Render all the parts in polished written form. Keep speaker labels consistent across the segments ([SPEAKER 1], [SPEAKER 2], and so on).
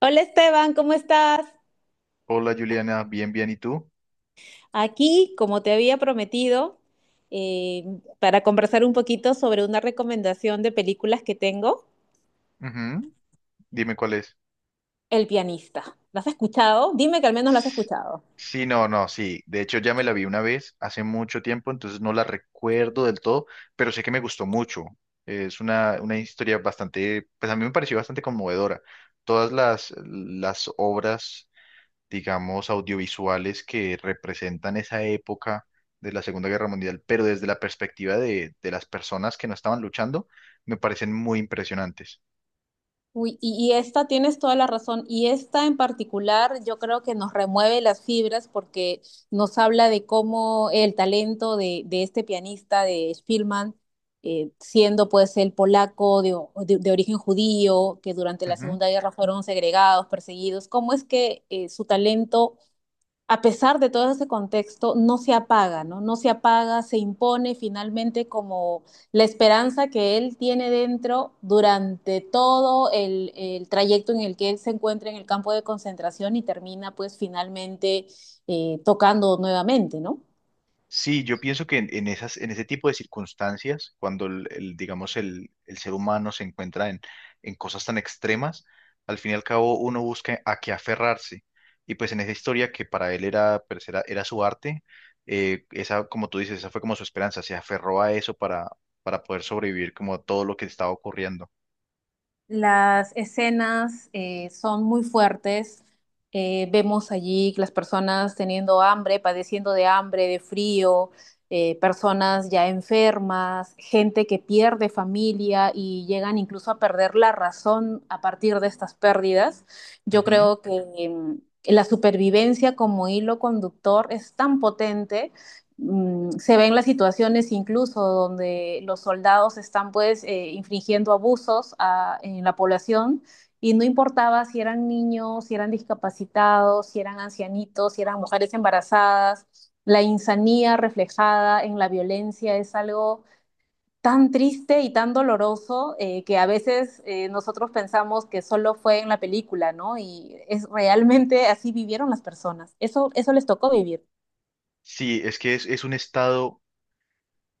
[SPEAKER 1] Hola Esteban, ¿cómo estás?
[SPEAKER 2] Hola Juliana, bien, bien, ¿y tú?
[SPEAKER 1] Aquí, como te había prometido, eh, para conversar un poquito sobre una recomendación de películas que tengo,
[SPEAKER 2] Ujú. Dime cuál es.
[SPEAKER 1] El pianista. ¿Las has escuchado? Dime que al menos las has
[SPEAKER 2] S-
[SPEAKER 1] escuchado.
[SPEAKER 2] Sí, no, no, sí. De hecho, ya me la vi una vez hace mucho tiempo, entonces no la recuerdo del todo, pero sé que me gustó mucho. Es una historia bastante, pues a mí me pareció bastante conmovedora. Todas las obras, digamos, audiovisuales que representan esa época de la Segunda Guerra Mundial, pero desde la perspectiva de las personas que no estaban luchando, me parecen muy impresionantes.
[SPEAKER 1] Uy, y esta tienes toda la razón. Y esta en particular yo creo que nos remueve las fibras porque nos habla de cómo el talento de este pianista, de Spielman, siendo pues el polaco de, de origen judío, que durante la Segunda Guerra fueron segregados, perseguidos, cómo es que su talento a pesar de todo ese contexto, no se apaga, ¿no? No se apaga, se impone finalmente como la esperanza que él tiene dentro durante todo el trayecto en el que él se encuentra en el campo de concentración y termina pues finalmente tocando nuevamente, ¿no?
[SPEAKER 2] Sí, yo pienso que en ese tipo de circunstancias, cuando digamos el ser humano se encuentra en cosas tan extremas, al fin y al cabo uno busca a qué aferrarse. Y pues en esa historia que para él pues era su arte, esa, como tú dices, esa fue como su esperanza, se aferró a eso para poder sobrevivir como a todo lo que estaba ocurriendo.
[SPEAKER 1] Las escenas son muy fuertes. Vemos allí las personas teniendo hambre, padeciendo de hambre, de frío, personas ya enfermas, gente que pierde familia y llegan incluso a perder la razón a partir de estas pérdidas. Yo
[SPEAKER 2] Ujú.
[SPEAKER 1] creo que la supervivencia como hilo conductor es tan potente. Se ven las situaciones incluso donde los soldados están pues infringiendo abusos a, en la población y no importaba si eran niños, si eran discapacitados, si eran ancianitos, si eran mujeres embarazadas, la insanía reflejada en la violencia es algo tan triste y tan doloroso que a veces nosotros pensamos que solo fue en la película, ¿no? Y es realmente así vivieron las personas. Eso les tocó vivir.
[SPEAKER 2] Sí, es que es un estado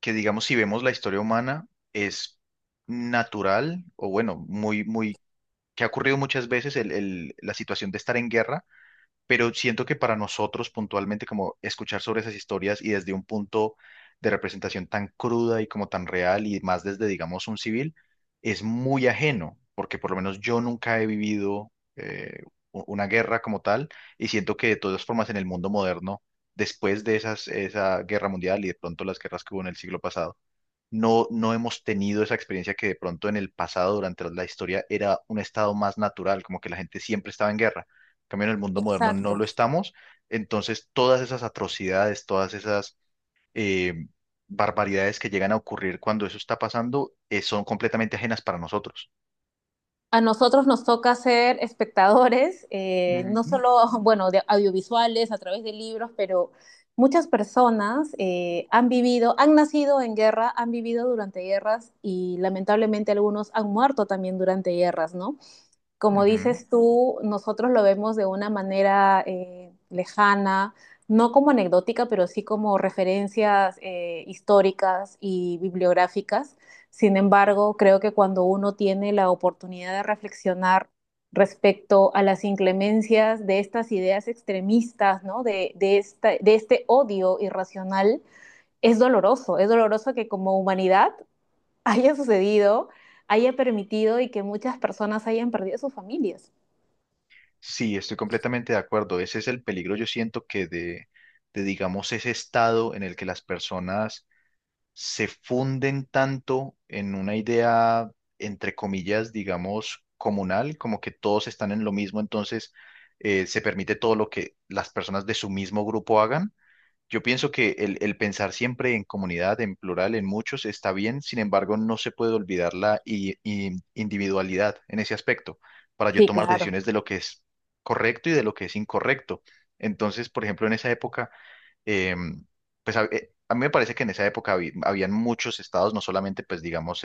[SPEAKER 2] que, digamos, si vemos la historia humana, es natural o bueno, muy, muy que ha ocurrido muchas veces la situación de estar en guerra, pero siento que para nosotros puntualmente como escuchar sobre esas historias y desde un punto de representación tan cruda y como tan real y más desde, digamos, un civil, es muy ajeno, porque por lo menos yo nunca he vivido eh, una guerra como tal y siento que de todas formas en el mundo moderno, después de esa guerra mundial y de pronto las guerras que hubo en el siglo pasado, no hemos tenido esa experiencia que de pronto en el pasado, durante la historia, era un estado más natural, como que la gente siempre estaba en guerra. En cambio, en el mundo moderno no
[SPEAKER 1] Exacto.
[SPEAKER 2] lo estamos. Entonces, todas esas atrocidades, todas esas eh, barbaridades que llegan a ocurrir cuando eso está pasando, son completamente ajenas para nosotros.
[SPEAKER 1] A nosotros nos toca ser espectadores, no
[SPEAKER 2] Ujú,
[SPEAKER 1] solo, bueno, de audiovisuales, a través de libros, pero muchas personas han vivido, han nacido en guerra, han vivido durante guerras y lamentablemente algunos han muerto también durante guerras, ¿no? Como
[SPEAKER 2] ujú.
[SPEAKER 1] dices tú, nosotros lo vemos de una manera lejana, no como anecdótica, pero sí como referencias históricas y bibliográficas. Sin embargo, creo que cuando uno tiene la oportunidad de reflexionar respecto a las inclemencias de estas ideas extremistas, ¿no? Esta, de este odio irracional, es doloroso que como humanidad haya sucedido, haya permitido y que muchas personas hayan perdido sus familias.
[SPEAKER 2] Sí, estoy completamente de acuerdo. Ese es el peligro, yo siento que de, digamos, ese estado en el que las personas se funden tanto en una idea, entre comillas, digamos, comunal, como que todos están en lo mismo, entonces se permite todo lo que las personas de su mismo grupo hagan. Yo pienso que el pensar siempre en comunidad, en plural, en muchos, está bien, sin embargo, no se puede olvidar la individualidad en ese aspecto para yo
[SPEAKER 1] Sí,
[SPEAKER 2] tomar
[SPEAKER 1] claro.
[SPEAKER 2] decisiones de lo que es correcto y de lo que es incorrecto. Entonces, por ejemplo, en esa época, em, pues a mí me parece que en esa época habían muchos estados, no solamente, pues digamos,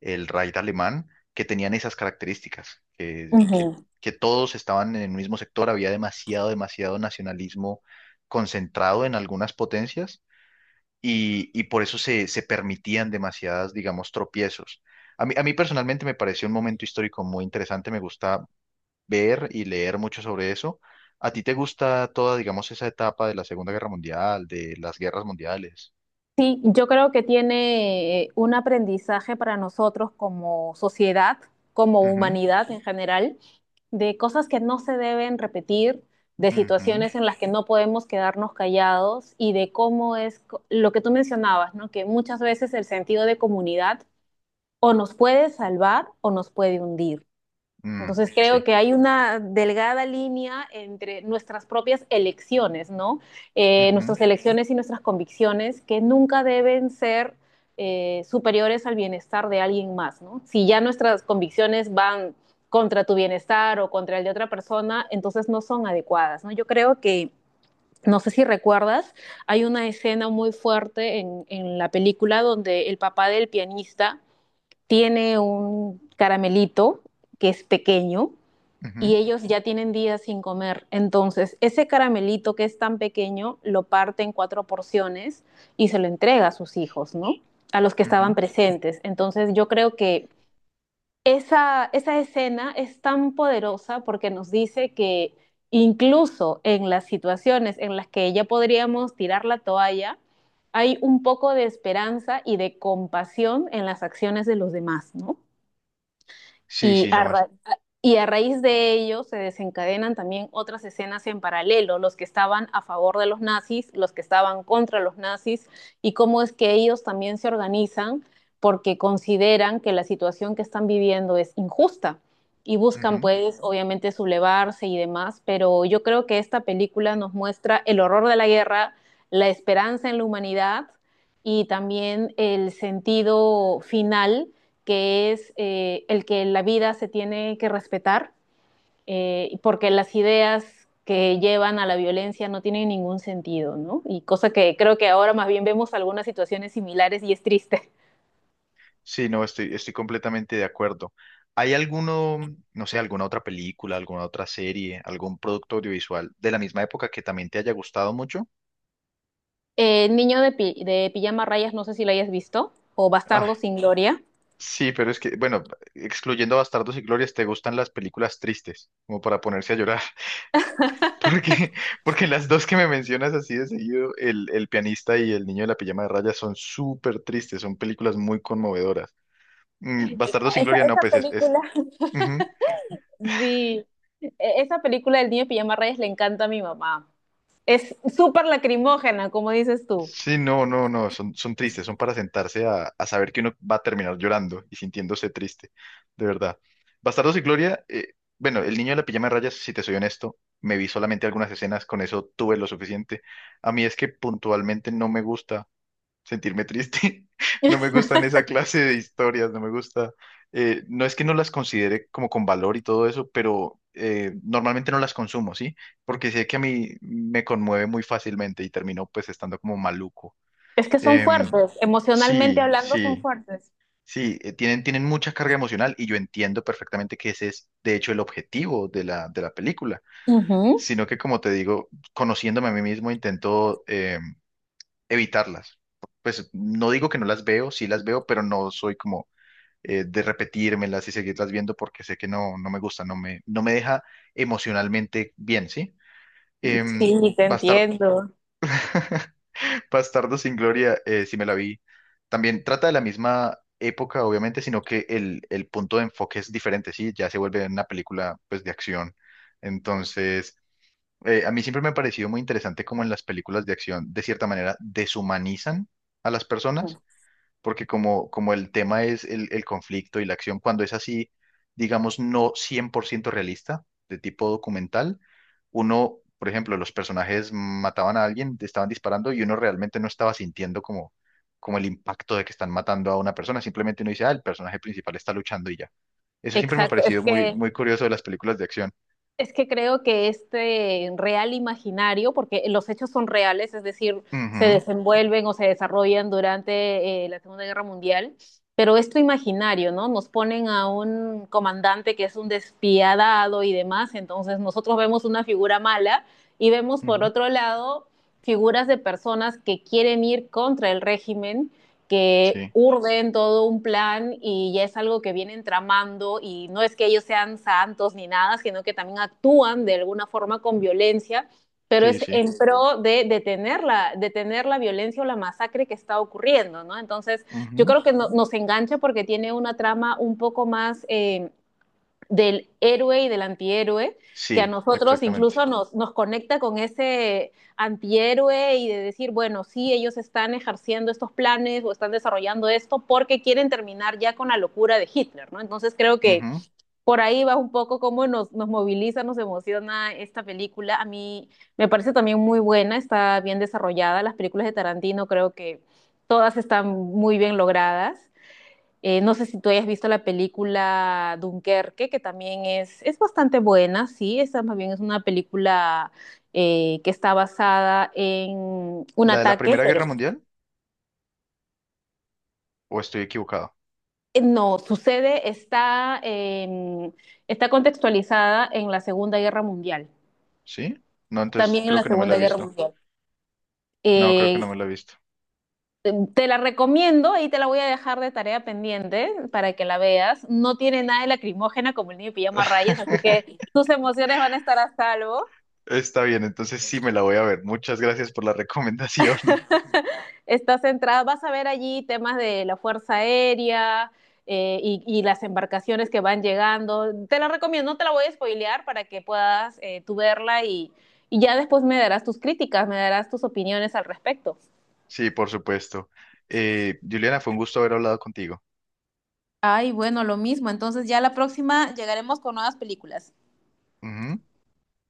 [SPEAKER 2] el Raid alemán, que tenían esas características,
[SPEAKER 1] Ujú.
[SPEAKER 2] que todos estaban en el mismo sector, había demasiado, demasiado nacionalismo concentrado en algunas potencias y por eso se permitían demasiadas, digamos, tropiezos. A mí personalmente me pareció un momento histórico muy interesante, me gusta ver y leer mucho sobre eso. ¿A ti te gusta toda, digamos, esa etapa de la Segunda Guerra Mundial, de las guerras mundiales?
[SPEAKER 1] Sí, yo creo que tiene un aprendizaje para nosotros como sociedad, como
[SPEAKER 2] Ujú,
[SPEAKER 1] humanidad en general, de cosas que no se deben repetir, de
[SPEAKER 2] ujú,
[SPEAKER 1] situaciones en las que no podemos quedarnos callados y de cómo es lo que tú mencionabas, ¿no? Que muchas veces el sentido de comunidad o nos puede salvar o nos puede hundir.
[SPEAKER 2] mm,
[SPEAKER 1] Entonces creo
[SPEAKER 2] sí.
[SPEAKER 1] que hay una delgada línea entre nuestras propias elecciones, ¿no?
[SPEAKER 2] Ujú,
[SPEAKER 1] Nuestras elecciones y nuestras convicciones que nunca deben ser superiores al bienestar de alguien más, ¿no? Si ya nuestras convicciones van contra tu bienestar o contra el de otra persona, entonces no son adecuadas, ¿no? Yo creo que no sé si recuerdas, hay una escena muy fuerte la película donde el papá del pianista tiene un caramelito que es pequeño y
[SPEAKER 2] ujú,
[SPEAKER 1] ellos ya tienen días sin comer. Entonces, ese caramelito que es tan pequeño lo parte en cuatro porciones y se lo entrega a sus hijos, ¿no? A los que estaban
[SPEAKER 2] ujú.
[SPEAKER 1] presentes. Entonces, yo creo que esa escena es tan poderosa porque nos dice que incluso en las situaciones en las que ya podríamos tirar la toalla, hay un poco de esperanza y de compasión en las acciones de los demás, ¿no?
[SPEAKER 2] Sí,
[SPEAKER 1] Y
[SPEAKER 2] sí,
[SPEAKER 1] a,
[SPEAKER 2] no es.
[SPEAKER 1] ra- a- y a raíz de ello se desencadenan también otras escenas en paralelo, los que estaban a favor de los nazis, los que estaban contra los nazis, y cómo es que ellos también se organizan porque consideran que la situación que están viviendo es injusta y buscan
[SPEAKER 2] Ujú.
[SPEAKER 1] pues obviamente sublevarse y demás, pero yo creo que esta película nos muestra el horror de la guerra, la esperanza en la humanidad y también el sentido final que es el que la vida se tiene que respetar, porque las ideas que llevan a la violencia no tienen ningún sentido, ¿no? Y cosa que creo que ahora más bien vemos algunas situaciones similares y es triste.
[SPEAKER 2] Sí, no, estoy completamente de acuerdo. ¿Hay alguno, no sé, alguna otra película, alguna otra serie, algún producto audiovisual de la misma época que también te haya gustado mucho?
[SPEAKER 1] Niño de, pi de pijama rayas, no sé si lo hayas visto, o
[SPEAKER 2] Ay,
[SPEAKER 1] Bastardo sin Gloria.
[SPEAKER 2] sí, pero es que, bueno, excluyendo Bastardos y Glorias, te gustan las películas tristes, como para ponerse a llorar. Porque, porque las dos que me mencionas así de seguido, el pianista y el niño de la pijama de rayas, son súper tristes, son películas muy conmovedoras. Mm, Bastardos sin
[SPEAKER 1] Esa,
[SPEAKER 2] Gloria, no,
[SPEAKER 1] esa
[SPEAKER 2] pues es,
[SPEAKER 1] película.
[SPEAKER 2] ujú.
[SPEAKER 1] Sí, esa película del niño de pijama rayas le encanta a mi mamá. Es súper lacrimógena, como dices tú.
[SPEAKER 2] Sí, no, no, no, son tristes, son para sentarse a saber que uno va a terminar llorando y sintiéndose triste, de verdad. Bastardos y Gloria, bueno, El niño de la pijama de rayas, si te soy honesto, me vi solamente algunas escenas, con eso tuve lo suficiente. A mí es que puntualmente no me gusta sentirme triste. No me gustan esa clase de historias, no me gusta. No es que no las considere como con valor y todo eso, pero normalmente no las consumo, ¿sí? Porque sé que a mí me conmueve muy fácilmente y termino pues estando como maluco.
[SPEAKER 1] Es que son
[SPEAKER 2] Em,
[SPEAKER 1] fuertes, emocionalmente
[SPEAKER 2] sí,
[SPEAKER 1] hablando son
[SPEAKER 2] sí,
[SPEAKER 1] fuertes.
[SPEAKER 2] sí, tienen mucha carga emocional y yo entiendo perfectamente que ese es de hecho el objetivo de la película,
[SPEAKER 1] Uh -huh.
[SPEAKER 2] sino que como te digo, conociéndome a mí mismo intento evitarlas. Pues no digo que no las veo, sí las veo, pero no soy como de repetírmelas y seguirlas viendo porque sé que no me gusta, no me deja emocionalmente bien, ¿sí? Em,
[SPEAKER 1] Sí, te
[SPEAKER 2] Bastar-
[SPEAKER 1] entiendo.
[SPEAKER 2] Bastardo sin Gloria, sí me la vi. También trata de la misma época, obviamente, sino que el punto de enfoque es diferente, ¿sí? Ya se vuelve una película, pues, de acción. Entonces, a mí siempre me ha parecido muy interesante cómo en las películas de acción, de cierta manera, deshumanizan a las personas porque como el tema es el conflicto y la acción, cuando es así, digamos, no 100% realista, de tipo documental, uno, por ejemplo, los personajes mataban a alguien, te estaban disparando y uno realmente no estaba sintiendo como el impacto de que están matando a una persona, simplemente uno dice, ah, el personaje principal está luchando y ya. Eso siempre me ha
[SPEAKER 1] Exacto, es
[SPEAKER 2] parecido muy,
[SPEAKER 1] que
[SPEAKER 2] muy curioso de las películas de acción.
[SPEAKER 1] es que creo que este real imaginario, porque los hechos son reales, es decir, se
[SPEAKER 2] Ujú,
[SPEAKER 1] desenvuelven o se desarrollan durante la Segunda Guerra Mundial, pero esto imaginario, ¿no? Nos ponen a un comandante que es un despiadado y demás, entonces nosotros vemos una figura mala y vemos por
[SPEAKER 2] ujú,
[SPEAKER 1] otro lado figuras de personas que quieren ir contra el régimen que
[SPEAKER 2] sí,
[SPEAKER 1] urden todo un plan y ya es algo que vienen tramando y no es que ellos sean santos ni nada, sino que también actúan de alguna forma con violencia, pero
[SPEAKER 2] sí,
[SPEAKER 1] es
[SPEAKER 2] sí.
[SPEAKER 1] en pro de detener la violencia o la masacre que está ocurriendo, ¿no? Entonces, yo
[SPEAKER 2] Ujú,
[SPEAKER 1] creo que no, nos engancha porque tiene una trama un poco más... del héroe y del antihéroe, que a
[SPEAKER 2] sí,
[SPEAKER 1] nosotros
[SPEAKER 2] exactamente.
[SPEAKER 1] incluso nos conecta con ese antihéroe y de decir, bueno, sí, ellos están ejerciendo estos planes o están desarrollando esto porque quieren terminar ya con la locura de Hitler, ¿no? Entonces creo que
[SPEAKER 2] Ujú.
[SPEAKER 1] por ahí va un poco cómo nos moviliza, nos emociona esta película. A mí me parece también muy buena, está bien desarrollada. Las películas de Tarantino creo que todas están muy bien logradas. No sé si tú hayas visto la película Dunkerque, que también es bastante buena, sí, esa más bien es una película que está basada en un
[SPEAKER 2] ¿La de la
[SPEAKER 1] ataque,
[SPEAKER 2] Primera
[SPEAKER 1] pero
[SPEAKER 2] Guerra Mundial? ¿O estoy equivocado?
[SPEAKER 1] no, sucede, está, está contextualizada en la Segunda Guerra Mundial,
[SPEAKER 2] ¿Sí? No, entonces
[SPEAKER 1] también en
[SPEAKER 2] creo
[SPEAKER 1] la
[SPEAKER 2] que no me la he
[SPEAKER 1] Segunda Guerra
[SPEAKER 2] visto.
[SPEAKER 1] Mundial.
[SPEAKER 2] No, creo que no
[SPEAKER 1] Eh,
[SPEAKER 2] me la he visto.
[SPEAKER 1] te la recomiendo y te la voy a dejar de tarea pendiente para que la veas. No tiene nada de lacrimógena como el niño de pijama a rayas, así que tus emociones van a estar a salvo.
[SPEAKER 2] Está bien, entonces sí me la voy a ver. Muchas gracias por la recomendación.
[SPEAKER 1] Está centrada, vas a ver allí temas de la Fuerza Aérea y las embarcaciones que van llegando. Te la recomiendo, no te la voy a spoilear para que puedas tú verla y ya después me darás tus críticas, me darás tus opiniones al respecto.
[SPEAKER 2] Sí, por supuesto. Juliana, fue un gusto haber hablado contigo.
[SPEAKER 1] Ay, bueno, lo mismo. Entonces ya la próxima llegaremos con nuevas películas.
[SPEAKER 2] Ujú.